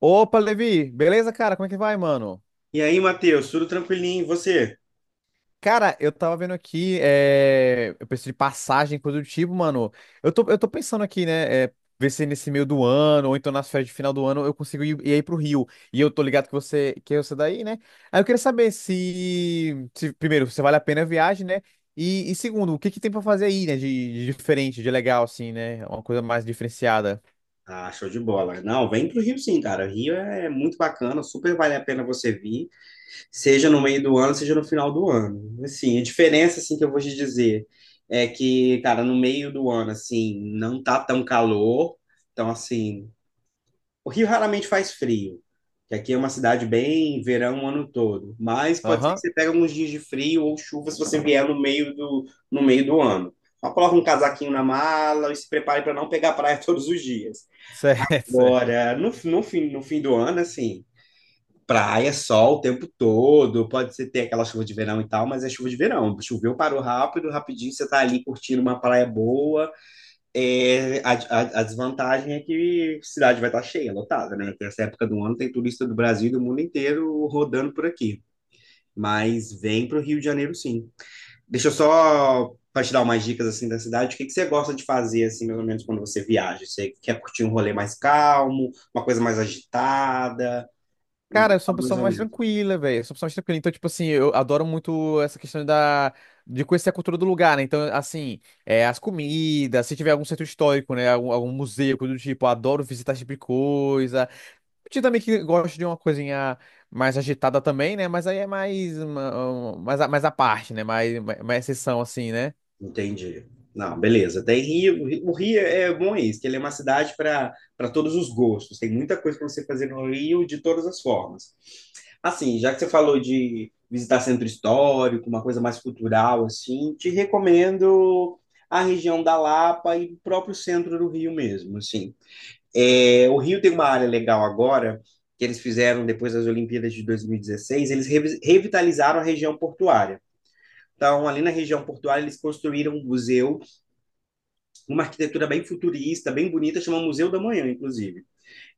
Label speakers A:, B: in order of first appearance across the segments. A: Opa, Levi, beleza, cara? Como é que vai, mano?
B: E aí, Matheus, tudo tranquilinho? E você?
A: Cara, eu tava vendo aqui, eu preciso de passagem, coisa do tipo, mano. Eu tô pensando aqui, né? Ver se nesse meio do ano, ou então nas férias de final do ano, eu consigo ir aí pro Rio. E eu tô ligado que é você daí, né? Aí eu queria saber se primeiro, se vale a pena a viagem, né? E segundo, o que que tem pra fazer aí, né? De diferente, de legal, assim, né? Uma coisa mais diferenciada.
B: Ah, show de bola. Não, vem pro Rio sim, cara. O Rio é muito bacana, super vale a pena você vir, seja no meio do ano, seja no final do ano. Assim, a diferença assim que eu vou te dizer é que, cara, no meio do ano assim, não tá tão calor. Então, assim, o Rio raramente faz frio, que aqui é uma cidade bem verão o ano todo, mas pode ser que
A: Aham.
B: você pegue alguns dias de frio ou chuva se você vier no meio do ano. Só coloca um casaquinho na mala e se prepare para não pegar praia todos os dias.
A: Certo, certo.
B: Agora, no fim do ano, assim, praia, sol o tempo todo, pode ser ter aquela chuva de verão e tal, mas é chuva de verão. Choveu, parou rápido, rapidinho, você tá ali curtindo uma praia boa. A desvantagem é que a cidade vai estar cheia, lotada, né? Nessa época do ano tem turista do Brasil e do mundo inteiro rodando por aqui. Mas vem para o Rio de Janeiro, sim. Deixa eu só para te dar umas dicas assim da cidade. O que que você gosta de fazer assim, mais ou menos quando você viaja? Você quer curtir um rolê mais calmo, uma coisa mais agitada? Hum,
A: Cara, eu sou uma
B: Mais
A: pessoa
B: ou
A: mais
B: menos.
A: tranquila, velho. Eu sou uma pessoa mais tranquila. Então, tipo assim, eu adoro muito essa questão da de conhecer a cultura do lugar, né? Então, assim, as comidas, se tiver algum centro histórico, né? Algum museu, coisa do tipo, eu adoro visitar esse tipo de coisa. Eu também que gosto de uma coisinha mais agitada também, né? Mas aí é mais à parte, né? Mais exceção, assim, né?
B: Entendi. Não, beleza. Tem Rio. O Rio é bom é isso, que ele é uma cidade para todos os gostos. Tem muita coisa para você fazer no Rio de todas as formas. Assim, já que você falou de visitar centro histórico, uma coisa mais cultural, assim, te recomendo a região da Lapa e o próprio centro do Rio mesmo, assim. É, o Rio tem uma área legal agora, que eles fizeram depois das Olimpíadas de 2016, eles revitalizaram a região portuária. Então, ali na região portuária, eles construíram um museu, uma arquitetura bem futurista, bem bonita, chama Museu da Manhã, inclusive.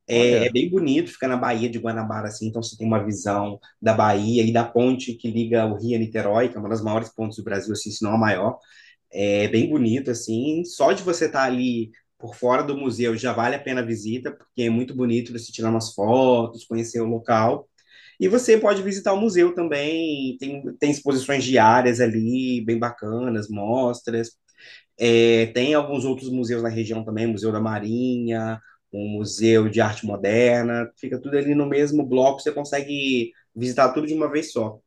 A: Olha.
B: Bem bonito, fica na Baía de Guanabara, assim, então você tem uma visão da Bahia e da ponte que liga o Rio a Niterói, que é uma das maiores pontes do Brasil, assim, se não a maior. É bem bonito, assim, só de você estar ali por fora do museu já vale a pena a visita, porque é muito bonito você tirar umas fotos, conhecer o local. E você pode visitar o museu também, tem exposições diárias ali, bem bacanas, mostras. É, tem alguns outros museus na região também, Museu da Marinha, um Museu de Arte Moderna, fica tudo ali no mesmo bloco, você consegue visitar tudo de uma vez só.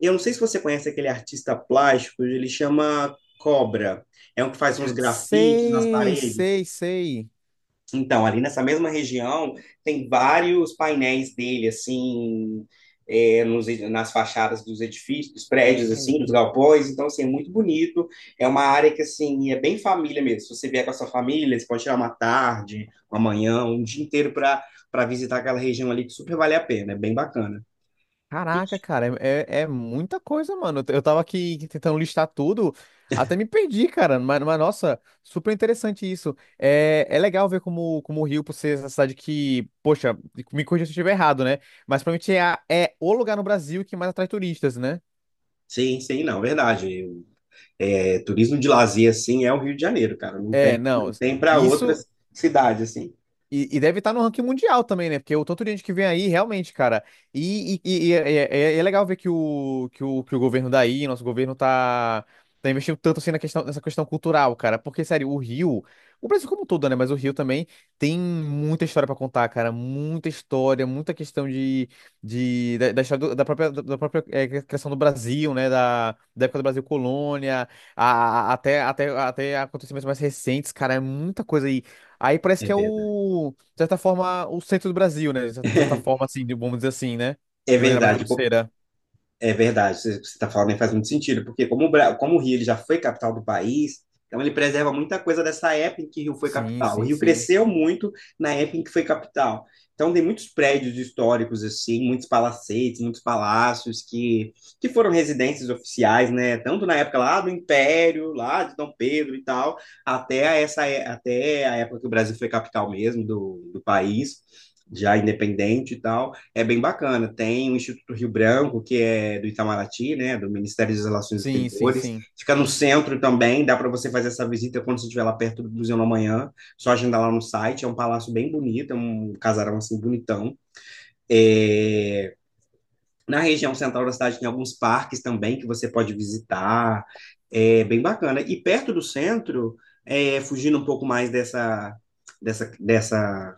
B: Eu não sei se você conhece aquele artista plástico, ele chama Cobra, é um que faz uns grafites nas
A: Sei,
B: paredes.
A: sei, sei.
B: Então, ali nessa mesma região, tem vários painéis dele, assim, nas fachadas dos edifícios, dos prédios, assim, dos galpões. Então, assim, é muito bonito. É uma área que, assim, é bem família mesmo. Se você vier com a sua família, você pode tirar uma tarde, uma manhã, um dia inteiro para visitar aquela região ali, que super vale a pena. É bem bacana.
A: Caraca, cara, é muita coisa, mano. Eu tava aqui tentando listar tudo, até me perdi, cara. Nossa, super interessante isso. É, é legal ver como o Rio, por ser essa cidade que, poxa, me corrija se eu estiver errado, né? Mas provavelmente é o lugar no Brasil que mais atrai turistas, né?
B: Sim, sim, não, verdade. É, turismo de lazer, assim, é o Rio de Janeiro, cara. Não
A: É,
B: tem, não
A: não,
B: tem para
A: isso.
B: outras cidades, assim.
A: E deve estar no ranking mundial também, né? Porque o tanto de gente que vem aí, realmente, cara. É legal ver que o governo daí, nosso governo, tá investindo tanto assim nessa questão cultural, cara. Porque, sério, o Rio, o Brasil como um todo, né? Mas o Rio também tem muita história pra contar, cara. Muita história, muita questão da história da própria criação do Brasil, né? Da época do Brasil colônia, até acontecimentos mais recentes, cara. É muita coisa aí. Aí parece
B: É
A: que é
B: verdade.
A: o, de certa forma, o centro do Brasil, né? De certa forma, assim, vamos dizer assim, né?
B: É
A: De maneira mais
B: verdade.
A: grosseira.
B: É verdade, você está falando aí faz muito sentido, porque como o Rio ele já foi capital do país, então ele preserva muita coisa dessa época em que Rio foi
A: Sim,
B: capital. O
A: sim,
B: Rio
A: sim.
B: cresceu muito na época em que foi capital. Então tem muitos prédios históricos assim, muitos palacetes, muitos palácios que foram residências oficiais, né? Tanto na época lá do Império, lá de Dom Pedro e tal, até a época que o Brasil foi capital mesmo do país, já independente e tal, é bem bacana. Tem o Instituto Rio Branco, que é do Itamaraty, né, do Ministério das Relações
A: Sim, sim,
B: Exteriores.
A: sim.
B: Fica no centro também, dá para você fazer essa visita quando você estiver lá perto do Museu da Manhã. Só agendar lá no site. É um palácio bem bonito, é um casarão assim bonitão. É... Na região central da cidade tem alguns parques também que você pode visitar. É bem bacana. E perto do centro, fugindo um pouco mais dessa, dessa, dessa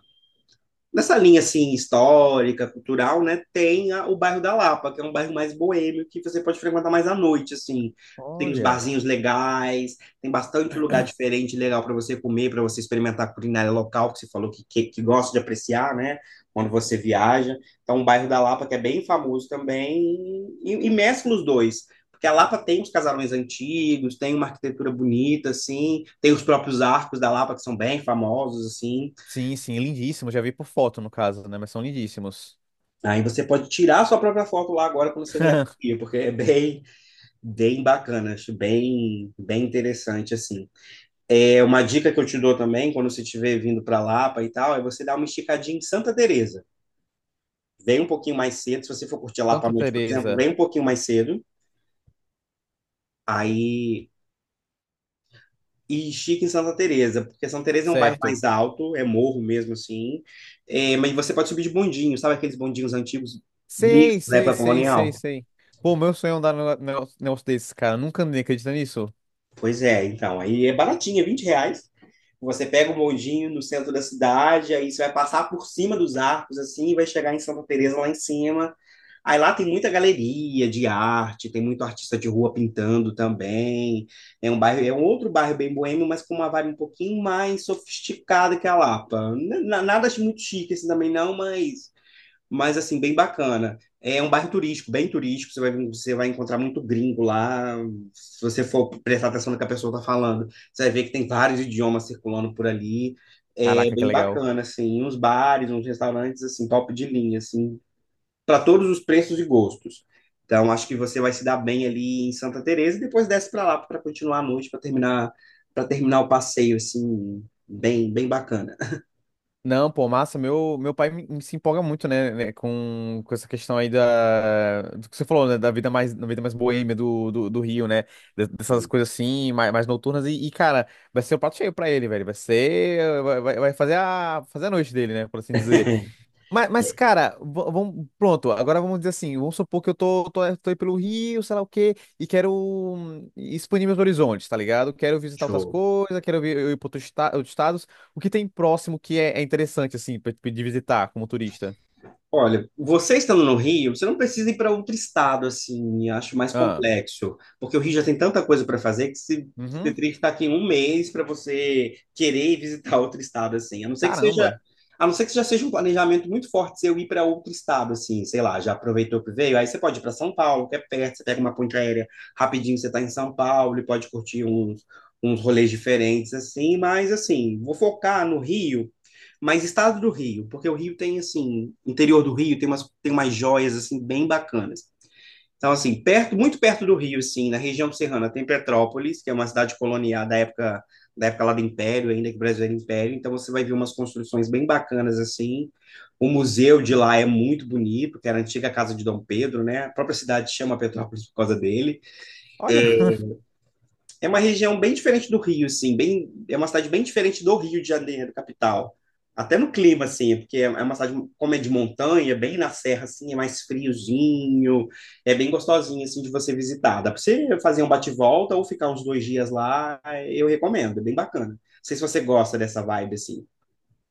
B: nessa linha assim histórica, cultural, né, tem o bairro da Lapa, que é um bairro mais boêmio que você pode frequentar mais à noite, assim. Tem uns
A: Olha.
B: barzinhos legais, tem bastante lugar diferente legal para você comer, para você experimentar a culinária local, que você falou que gosta de apreciar, né, quando você viaja. Então, o bairro da Lapa, que é bem famoso também, e mescla os dois. Porque a Lapa tem os casarões antigos, tem uma arquitetura bonita, assim, tem os próprios arcos da Lapa, que são bem famosos, assim.
A: Sim, sim, lindíssimo. Já vi por foto, no caso, né? Mas são lindíssimos.
B: Aí você pode tirar a sua própria foto lá agora quando você vier para o Rio, porque é bem, bem bacana, acho bem, bem interessante assim. É uma dica que eu te dou também, quando você estiver vindo para Lapa e tal, é você dar uma esticadinha em Santa Teresa. Vem um pouquinho mais cedo, se você for curtir Lapa à
A: Santa
B: noite, por exemplo,
A: Teresa.
B: vem um pouquinho mais cedo, aí e estica em Santa Teresa, porque Santa Teresa é um bairro mais
A: Certo.
B: alto, é morro mesmo assim, é, mas você pode subir de bondinho, sabe aqueles bondinhos antigos mesmo
A: Sei,
B: da
A: sei,
B: época
A: sei, sei,
B: colonial?
A: sei. Pô, meu sonho é andar num negócio desse, cara. Nunca andei, acredita nisso?
B: Pois é, então, aí é baratinho, é R$ 20. Você pega o moldinho no centro da cidade, aí você vai passar por cima dos arcos, assim, e vai chegar em Santa Teresa lá em cima. Aí lá tem muita galeria de arte, tem muito artista de rua pintando também. É um bairro, é um outro bairro bem boêmio, mas com uma vibe um pouquinho mais sofisticada que a Lapa. Nada muito chique assim também não, mas assim, bem bacana. É um bairro turístico, bem turístico, você vai encontrar muito gringo lá. Se você for prestar atenção no que a pessoa está falando, você vai ver que tem vários idiomas circulando por ali. É
A: Caraca, que
B: bem
A: legal.
B: bacana, assim, uns bares, uns restaurantes, assim, top de linha, assim, para todos os preços e gostos. Então, acho que você vai se dar bem ali em Santa Teresa e depois desce para lá para continuar a noite, para terminar o passeio, assim, bem, bem bacana.
A: Não, pô, massa. Meu pai me- me se empolga muito, né, com essa questão aí da, do que você falou, né, da vida mais boêmia do Rio, né, dessas coisas assim, mais noturnas. Cara, vai ser o prato cheio pra ele, velho. Vai ser, vai, vai vai fazer a, fazer a noite dele, né, por assim dizer. Cara, vamos, pronto, agora vamos dizer assim, vamos supor que eu tô aí pelo Rio, sei lá o quê, e quero expandir meus horizontes, tá ligado? Quero visitar outras
B: Show.
A: coisas, quero vi- eu ir para outros, outros estados. O que tem próximo é interessante, assim, pra, pra de visitar como turista?
B: Olha, você estando no Rio, você não precisa ir para outro estado, assim, acho mais
A: Ah,
B: complexo, porque o Rio já tem tanta coisa para fazer que você
A: uhum,
B: teria que estar aqui um mês para você querer ir visitar outro estado, assim,
A: caramba,
B: a não ser que já seja um planejamento muito forte se eu ir para outro estado, assim, sei lá, já aproveitou que veio, aí você pode ir para São Paulo, que é perto, você pega uma ponte aérea rapidinho, você está em São Paulo e pode curtir uns rolês diferentes, assim, mas, assim, vou focar no Rio mas estado do Rio, porque o Rio tem, assim, interior do Rio tem umas joias, assim, bem bacanas. Então, assim, perto, muito perto do Rio, assim, na região serrana, tem Petrópolis, que é uma cidade colonial da época lá do Império, ainda que o Brasil era Império. Então, você vai ver umas construções bem bacanas, assim. O museu de lá é muito bonito, que era a antiga casa de Dom Pedro, né? A própria cidade chama Petrópolis por causa dele.
A: olha.
B: É uma região bem diferente do Rio, assim, bem, é uma cidade bem diferente do Rio de Janeiro, capital. Até no clima, assim, é porque é uma cidade, como é de montanha, bem na serra, assim, é mais friozinho, é bem gostosinho, assim, de você visitar. Dá pra você fazer um bate-volta ou ficar uns 2 dias lá, eu recomendo, é bem bacana. Não sei se você gosta dessa vibe, assim.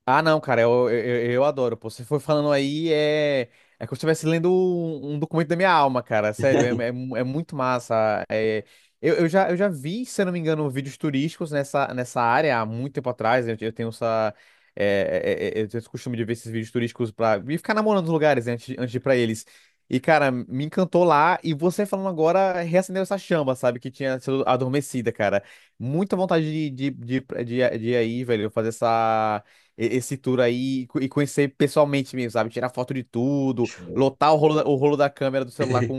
A: Ah, não, cara, eu adoro, pô. Você foi falando aí, é como se eu estivesse lendo um documento da minha alma, cara. Sério, é muito massa. Eu já vi, se eu não me engano, vídeos turísticos nessa área há muito tempo atrás. Eu tenho essa. Eu tenho esse costume de ver esses vídeos turísticos pra. E ficar namorando os lugares, né, antes de ir pra eles. E, cara, me encantou lá. E você falando agora reacendeu essa chama, sabe? Que tinha sido adormecida, cara. Muita vontade de ir aí, velho, fazer esse tour aí e conhecer pessoalmente mesmo, sabe? Tirar foto de tudo,
B: Show.
A: lotar o rolo da câmera do celular com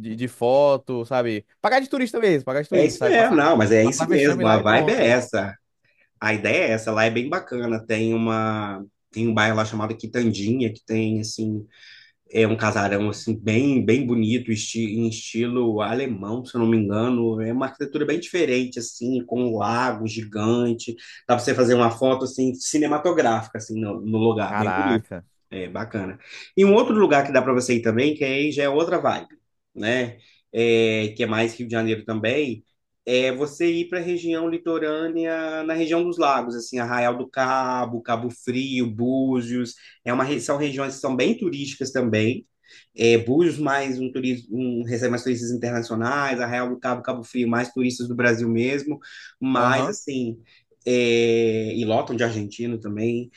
A: de, de foto, sabe? Pagar de turista mesmo, pagar de
B: É
A: turista,
B: isso
A: sabe?
B: mesmo, não, mas é isso
A: Passar vexame
B: mesmo, a
A: lá e
B: vibe é
A: pronto.
B: essa. A ideia é essa, lá é bem bacana. Tem um bairro lá chamado Quitandinha, que tem assim. É um casarão assim bem bem bonito, esti em estilo alemão, se eu não me engano. É uma arquitetura bem diferente assim, com um lago gigante. Dá para você fazer uma foto assim cinematográfica assim no lugar, bem bonito.
A: Caraca.
B: É bacana. E um outro lugar que dá para você ir também, que aí já é outra vibe, né? É, que é mais Rio de Janeiro também, é você ir para a região litorânea, na região dos lagos, assim, Arraial do Cabo, Cabo Frio, Búzios. É uma, são regiões que são bem turísticas também. É, Búzios mais um turismo, um, recebe mais turistas internacionais, Arraial do Cabo, Cabo Frio, mais turistas do Brasil mesmo, mas
A: Aham.
B: assim, e lotam de argentino também,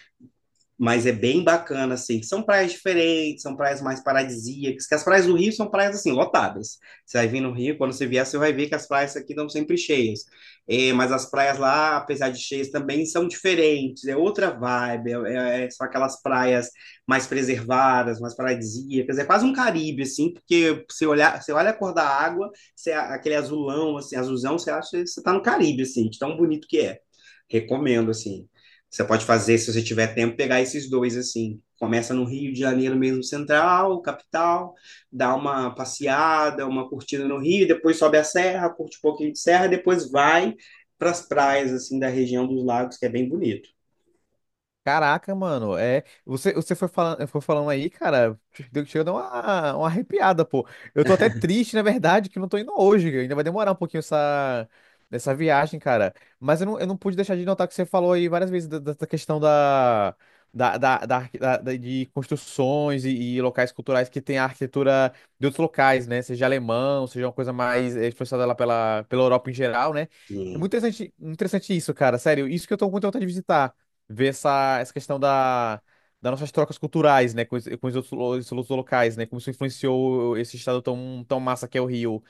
B: mas é bem bacana, assim. São praias diferentes, são praias mais paradisíacas, que as praias do Rio são praias, assim, lotadas. Você vai vir no Rio, quando você vier, você vai ver que as praias aqui estão sempre cheias. É, mas as praias lá, apesar de cheias, também são diferentes, é outra vibe, são aquelas praias mais preservadas, mais paradisíacas, é quase um Caribe, assim, porque você, olhar, você olha a cor da água, você, aquele azulão, assim, azulzão, você acha que você está no Caribe, assim, de tão bonito que é. Recomendo, assim. Você pode fazer, se você tiver tempo, pegar esses dois assim. Começa no Rio de Janeiro mesmo, central, capital, dá uma passeada, uma curtida no Rio, depois sobe a serra, curte um pouquinho de serra, depois vai para as praias assim da região dos lagos, que é bem bonito.
A: Caraca, mano, você foi falando aí, cara, chegou a dar uma arrepiada, pô. Eu tô até triste, na verdade, que eu não tô indo hoje, que ainda vai demorar um pouquinho essa viagem, cara. Mas eu não pude deixar de notar que você falou aí várias vezes dessa questão da, da, da, da arqui- da- da- de construções e locais culturais que tem a arquitetura de outros locais, né? Seja alemão, seja uma coisa mais expressada lá pela, pela Europa em geral, né? É
B: Sim,
A: muito interessante, interessante isso, cara, sério, isso que eu tô com muita vontade de visitar ver essa questão das nossas trocas culturais, né, com os outros, os outros locais, né, como isso influenciou esse estado tão massa que é o Rio.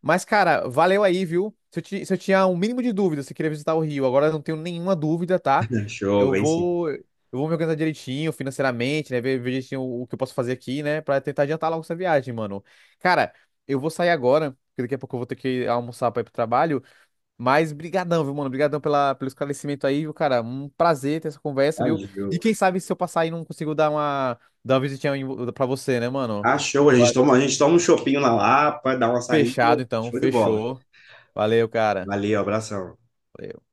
A: Mas, cara, valeu aí, viu? Se eu, se eu tinha um mínimo de dúvida se eu queria visitar o Rio, agora eu não tenho nenhuma dúvida, tá?
B: show,
A: Eu
B: vem sim.
A: vou, eu vou me organizar direitinho, financeiramente, né, ver direitinho o que eu posso fazer aqui, né, pra tentar adiantar logo essa viagem, mano. Cara, eu vou sair agora, porque daqui a pouco eu vou ter que almoçar pra ir pro trabalho. Mas brigadão, viu, mano? Brigadão pela, pelo esclarecimento aí, viu, cara? Um prazer ter essa conversa, viu? E
B: Valeu.
A: quem sabe se eu passar aí não consigo dar uma visitinha pra você, né, mano?
B: Ah, show,
A: Va-
B: a gente toma um chopinho na Lapa, dá uma saída,
A: Fechado, então.
B: show de bola.
A: Fechou. Valeu, cara.
B: Valeu, abração.
A: Valeu.